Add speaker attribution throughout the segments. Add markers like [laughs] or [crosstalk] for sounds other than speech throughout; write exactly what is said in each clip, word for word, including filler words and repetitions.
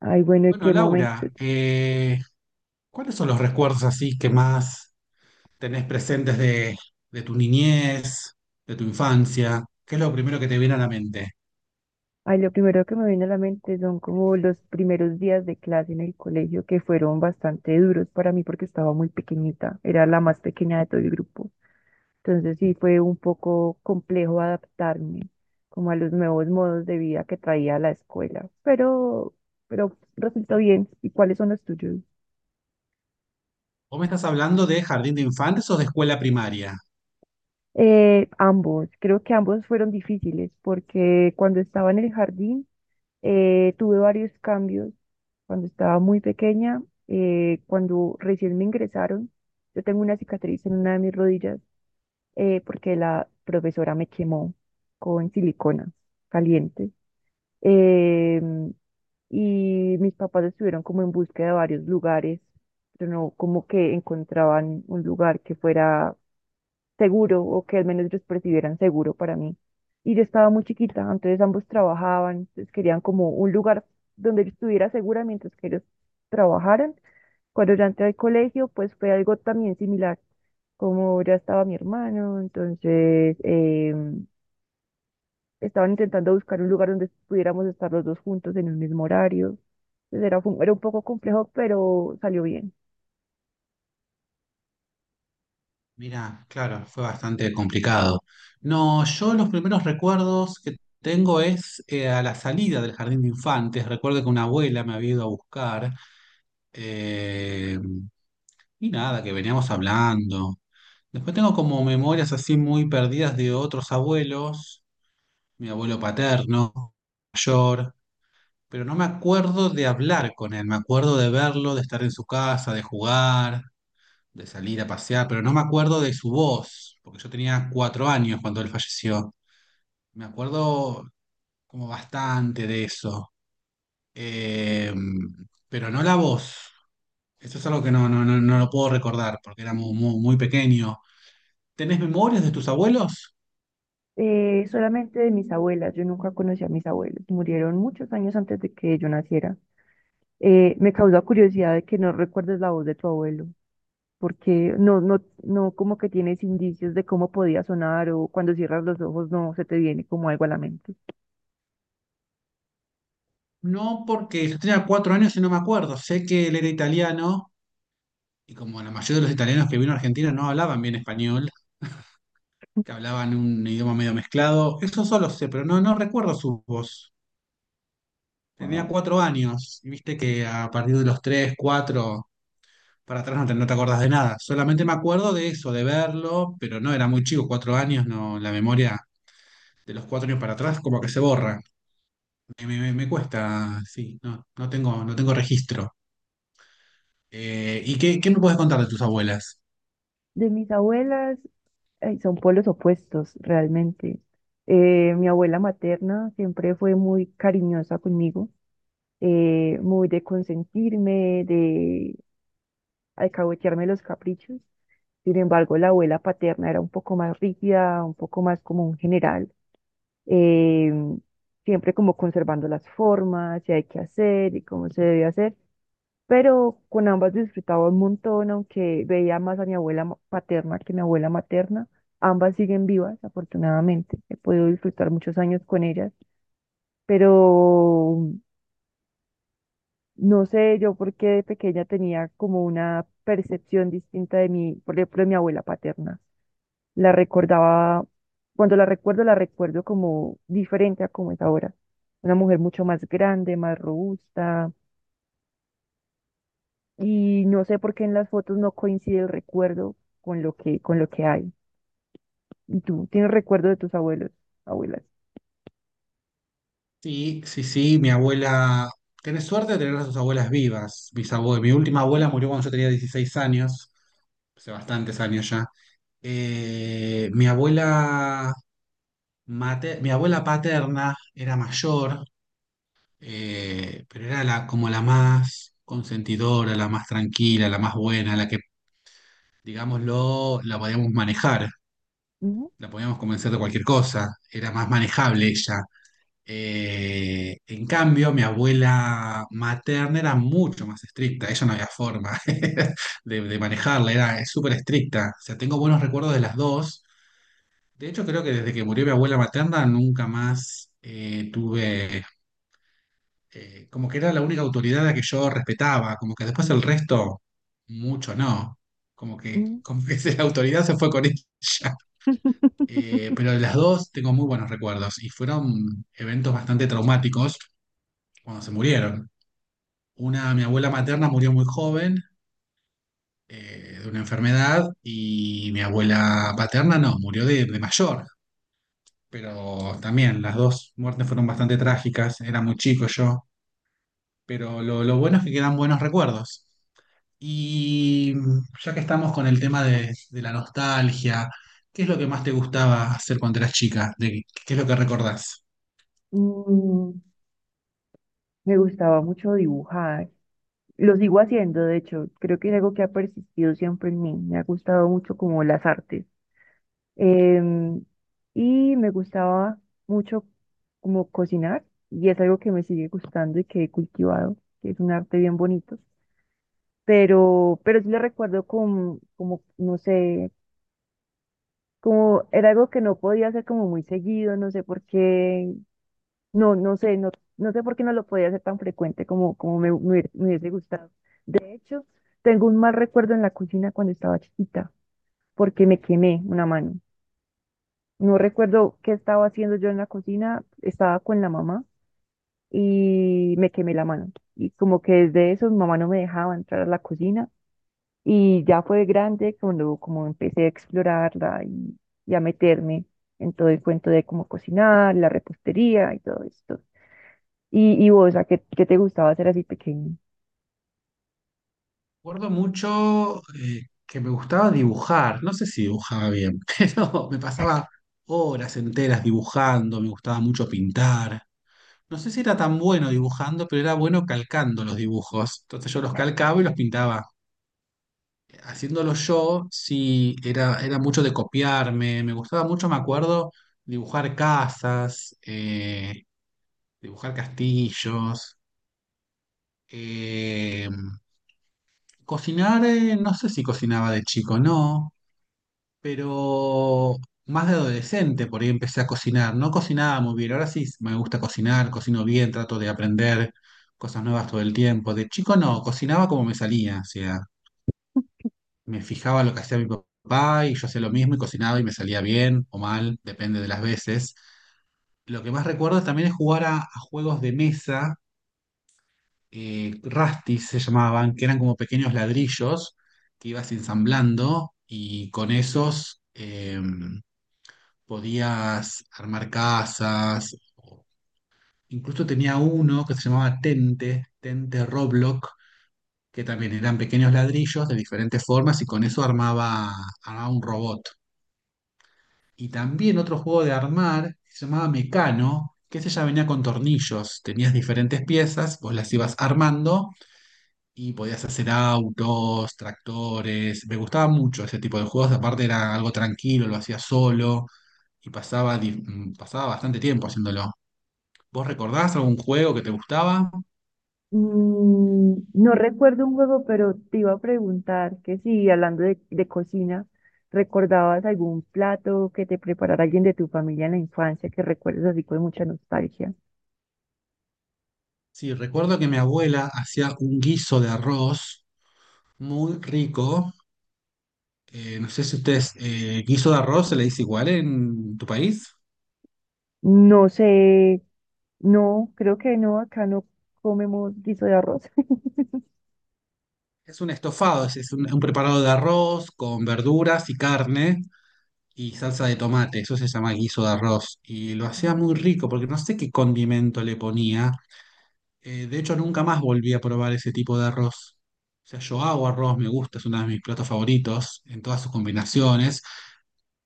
Speaker 1: Ay, bueno, ¿en
Speaker 2: Bueno,
Speaker 1: qué momento?
Speaker 2: Laura, eh, ¿cuáles son los recuerdos así que más tenés presentes de, de tu niñez, de tu infancia? ¿Qué es lo primero que te viene a la mente?
Speaker 1: Ay, lo primero que me viene a la mente son como los primeros días de clase en el colegio que fueron bastante duros para mí porque estaba muy pequeñita, era la más pequeña de todo el grupo. Entonces sí fue un poco complejo adaptarme como a los nuevos modos de vida que traía la escuela, pero, pero resultó bien. ¿Y cuáles son los tuyos?
Speaker 2: ¿Vos me estás hablando de jardín de infantes o de escuela primaria?
Speaker 1: Eh, ambos, creo que ambos fueron difíciles porque cuando estaba en el jardín, Eh, tuve varios cambios cuando estaba muy pequeña. Eh, cuando recién me ingresaron, yo tengo una cicatriz en una de mis rodillas eh, porque la profesora me quemó con silicona caliente. Em, y mis papás estuvieron como en búsqueda de varios lugares, pero no como que encontraban un lugar que fuera seguro o que al menos ellos percibieran seguro para mí. Y yo estaba muy chiquita, entonces ambos trabajaban, entonces querían como un lugar donde yo estuviera segura mientras que ellos trabajaran. Cuando ya entré al colegio, pues fue algo también similar, como ya estaba mi hermano, entonces eh, estaban intentando buscar un lugar donde pudiéramos estar los dos juntos en el mismo horario. Entonces era, fu- era un poco complejo, pero salió bien.
Speaker 2: Mira, claro, fue bastante complicado. No, yo los primeros recuerdos que tengo es eh, a la salida del jardín de infantes. Recuerdo que una abuela me había ido a buscar. eh, Y nada, que veníamos hablando. Después tengo como memorias así muy perdidas de otros abuelos, mi abuelo paterno, mayor, pero no me acuerdo de hablar con él, me acuerdo de verlo, de estar en su casa, de jugar, de salir a pasear, pero no me acuerdo de su voz, porque yo tenía cuatro años cuando él falleció. Me acuerdo como bastante de eso, eh, pero no la voz. Eso es algo que no, no, no, no lo puedo recordar, porque era muy, muy muy pequeño. ¿Tenés memorias de tus abuelos?
Speaker 1: Eh, solamente de mis abuelas, yo nunca conocí a mis abuelos, murieron muchos años antes de que yo naciera. Eh, me causa curiosidad de que no recuerdes la voz de tu abuelo, porque no, no, no como que tienes indicios de cómo podía sonar o cuando cierras los ojos no se te viene como algo a la mente.
Speaker 2: No, porque yo tenía cuatro años y no me acuerdo. Sé que él era italiano y como la mayoría de los italianos que vino a Argentina no hablaban bien español, que hablaban un idioma medio mezclado, eso solo sé, pero no, no recuerdo su voz. Tenía
Speaker 1: Wow.
Speaker 2: cuatro años y viste que a partir de los tres, cuatro, para atrás no te, no te acordás de nada. Solamente me acuerdo de eso, de verlo, pero no, era muy chico, cuatro años, no, la memoria de los cuatro años para atrás como que se borra. Me, me- me cuesta, sí, no, no tengo, no tengo registro. Eh, ¿y qué, qué me puedes contar de tus abuelas?
Speaker 1: De mis abuelas, ay, son polos opuestos realmente. Eh, mi abuela materna siempre fue muy cariñosa conmigo, eh, muy de consentirme, de alcahuetearme los caprichos. Sin embargo, la abuela paterna era un poco más rígida, un poco más como un general, eh, siempre como conservando las formas, qué hay que hacer y cómo se debe hacer. Pero con ambas disfrutaba un montón, aunque veía más a mi abuela ma- paterna que a mi abuela materna. Ambas siguen vivas, afortunadamente. He podido disfrutar muchos años con ellas, pero no sé yo por qué de pequeña tenía como una percepción distinta de mi, por ejemplo, de mi abuela paterna. La recordaba, cuando la recuerdo, la recuerdo como diferente a como es ahora. Una mujer mucho más grande, más robusta. Y no sé por qué en las fotos no coincide el recuerdo con lo que, con lo que hay. ¿Y tú tienes recuerdo de tus abuelos, abuelas?
Speaker 2: Sí, sí, sí, mi abuela. Tenés suerte de tener a tus abuelas vivas, mis abue mi última abuela murió cuando yo tenía dieciséis años, hace bastantes años ya. Eh, mi abuela mate- Mi abuela paterna era mayor, eh, pero era la, como la más consentidora, la más tranquila, la más buena, la que, digámoslo, la podíamos manejar,
Speaker 1: Ujú,
Speaker 2: la podíamos convencer de cualquier cosa, era más manejable ella. Eh, en cambio, mi abuela materna era mucho más estricta, ella no había forma [laughs] de, de manejarla, era súper estricta. O sea, tengo buenos recuerdos de las dos. De hecho, creo que desde que murió mi abuela materna nunca más eh, tuve, eh, como que era la única autoridad a la que yo respetaba, como que después el resto, mucho no. Como que,
Speaker 1: ujú.
Speaker 2: como que [laughs] la autoridad se fue con [laughs] ella. Eh,
Speaker 1: [laughs]
Speaker 2: pero de las dos tengo muy buenos recuerdos y fueron eventos bastante traumáticos cuando se murieron. Una, mi abuela materna murió muy joven eh, de una enfermedad y mi abuela paterna no, murió de, de mayor, pero también las dos muertes fueron bastante trágicas, era muy chico yo, pero lo, lo bueno es que quedan buenos recuerdos. Y mm, ya que estamos con el tema de, de la nostalgia, ¿qué es lo que más te gustaba hacer cuando eras chica? ¿De- ¿qué es lo que recordás?
Speaker 1: Mm, me gustaba mucho dibujar. Lo sigo haciendo, de hecho. Creo que es algo que ha persistido siempre en mí. Me ha gustado mucho como las artes. Em, y me gustaba mucho como cocinar. Y es algo que me sigue gustando y que he cultivado, que es un arte bien bonito. Pero, pero sí lo recuerdo como, como, no sé, como era algo que no podía hacer como muy seguido, no sé por qué, no, no sé, no, no sé por qué no lo podía hacer tan frecuente como, como me, me hubiera- me hubiese gustado. De hecho, tengo un mal recuerdo en la cocina cuando estaba chiquita, porque me quemé una mano. No recuerdo qué estaba haciendo yo en la cocina, estaba con la mamá y me quemé la mano. Y como que desde eso mi mamá no me dejaba entrar a la cocina y ya fue grande cuando como empecé a explorarla y, y a meterme en todo el cuento de cómo cocinar, la repostería y todo esto. ¿Y, y vos, a qué, qué te gustaba hacer así pequeño?
Speaker 2: Recuerdo mucho eh, que me gustaba dibujar, no sé si dibujaba bien, [laughs] pero me pasaba horas enteras dibujando, me gustaba mucho pintar. No sé si era tan bueno dibujando, pero era bueno calcando los dibujos. Entonces yo los calcaba y los pintaba. Haciéndolo yo, sí, era, era mucho de copiarme, me gustaba mucho, me acuerdo, dibujar casas, eh, dibujar castillos, eh, cocinar, eh, no sé si cocinaba de chico, no. Pero más de adolescente por ahí empecé a cocinar. No cocinaba muy bien, ahora sí me gusta cocinar, cocino bien, trato de aprender cosas nuevas todo el tiempo. De chico no, cocinaba como me salía, o sea, me fijaba lo que hacía mi papá y yo hacía lo mismo y cocinaba y me salía bien o mal, depende de las veces. Lo que más recuerdo también es jugar a, a juegos de mesa, eh, Rastis se llamaban, que eran como pequeños ladrillos que ibas ensamblando y con esos em, podías armar casas. o- Incluso tenía uno que se llamaba Tente, Tente Roblox, que también eran pequeños ladrillos de diferentes formas y con eso armaba, armaba un robot. Y también otro juego de armar que se llamaba Mecano, que ese ya venía con tornillos. Tenías diferentes piezas, vos las ibas armando y podías hacer autos, tractores. Me gustaba mucho ese tipo de juegos, aparte era algo tranquilo, lo hacía solo y pasaba, di- mm, pasaba bastante tiempo haciéndolo. ¿Vos recordás algún juego que te gustaba?
Speaker 1: Mm, no recuerdo un juego, pero te iba a preguntar que si, hablando de, de cocina, ¿recordabas algún plato que te preparara alguien de tu familia en la infancia que recuerdes así con mucha nostalgia?
Speaker 2: Sí, recuerdo que mi abuela hacía un guiso de arroz muy rico. Eh, no sé si ustedes, eh, guiso de arroz se le dice igual en tu país.
Speaker 1: No sé, no, creo que no, acá no comemos guiso de arroz.
Speaker 2: Es un estofado, es, es un, un preparado de arroz con verduras y carne y salsa de tomate. Eso se llama guiso de arroz. Y lo hacía muy
Speaker 1: [laughs]
Speaker 2: rico porque no sé qué condimento le ponía. Eh, de hecho, nunca más volví a probar ese tipo de arroz. O sea, yo hago arroz, me gusta, es uno de mis platos favoritos en todas sus combinaciones.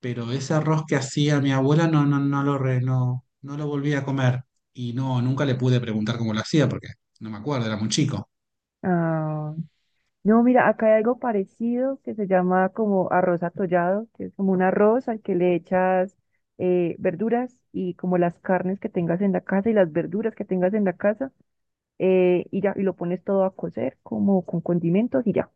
Speaker 2: Pero ese arroz que hacía mi abuela no, no, no lo re- no, no lo volví a comer. Y no, nunca le pude preguntar cómo lo hacía porque no me acuerdo, era muy chico.
Speaker 1: Ah, no, mira, acá hay algo parecido que se llama como arroz atollado, que es como un arroz al que le echas eh, verduras y como las carnes que tengas en la casa y las verduras que tengas en la casa eh, y ya, y lo pones todo a cocer como con condimentos y ya.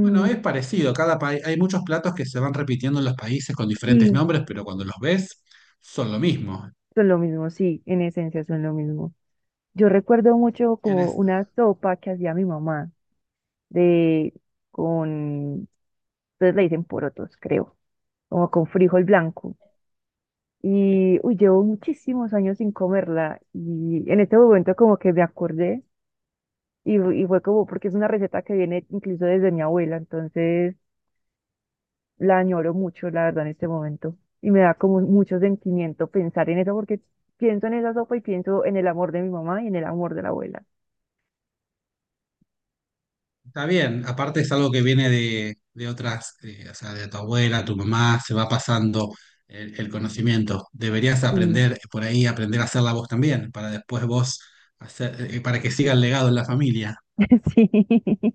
Speaker 2: Bueno, es parecido, cada país, hay muchos platos que se van repitiendo en los países con diferentes
Speaker 1: sí,
Speaker 2: nombres, pero cuando los ves son lo mismo.
Speaker 1: son lo mismo, sí, en esencia son lo mismo. Yo recuerdo mucho
Speaker 2: En
Speaker 1: como
Speaker 2: es-
Speaker 1: una sopa que hacía mi mamá de con, ustedes le dicen porotos, creo, como con frijol blanco. Y uy, llevo muchísimos años sin comerla y en este momento como que me acordé y, y fue como porque es una receta que viene incluso desde mi abuela, entonces la añoro mucho, la verdad, en este momento. Y me da como mucho sentimiento pensar en eso porque pienso en esa sopa y pienso en el amor de mi mamá y en el amor de la abuela.
Speaker 2: Está bien, aparte es algo que viene de, de otras, eh, o sea, de tu abuela, tu mamá, se va pasando el, el conocimiento. Deberías
Speaker 1: Mm.
Speaker 2: aprender por ahí, aprender a hacerla vos también, para después vos hacer, eh, para que siga el legado en la familia.
Speaker 1: [laughs] Sí.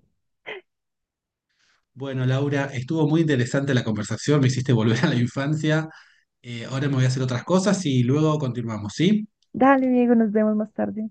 Speaker 2: Bueno, Laura, estuvo muy interesante la conversación, me hiciste volver a la infancia. Eh, ahora me voy a hacer otras cosas y luego continuamos, ¿sí?
Speaker 1: Dale, Diego, nos vemos más tarde.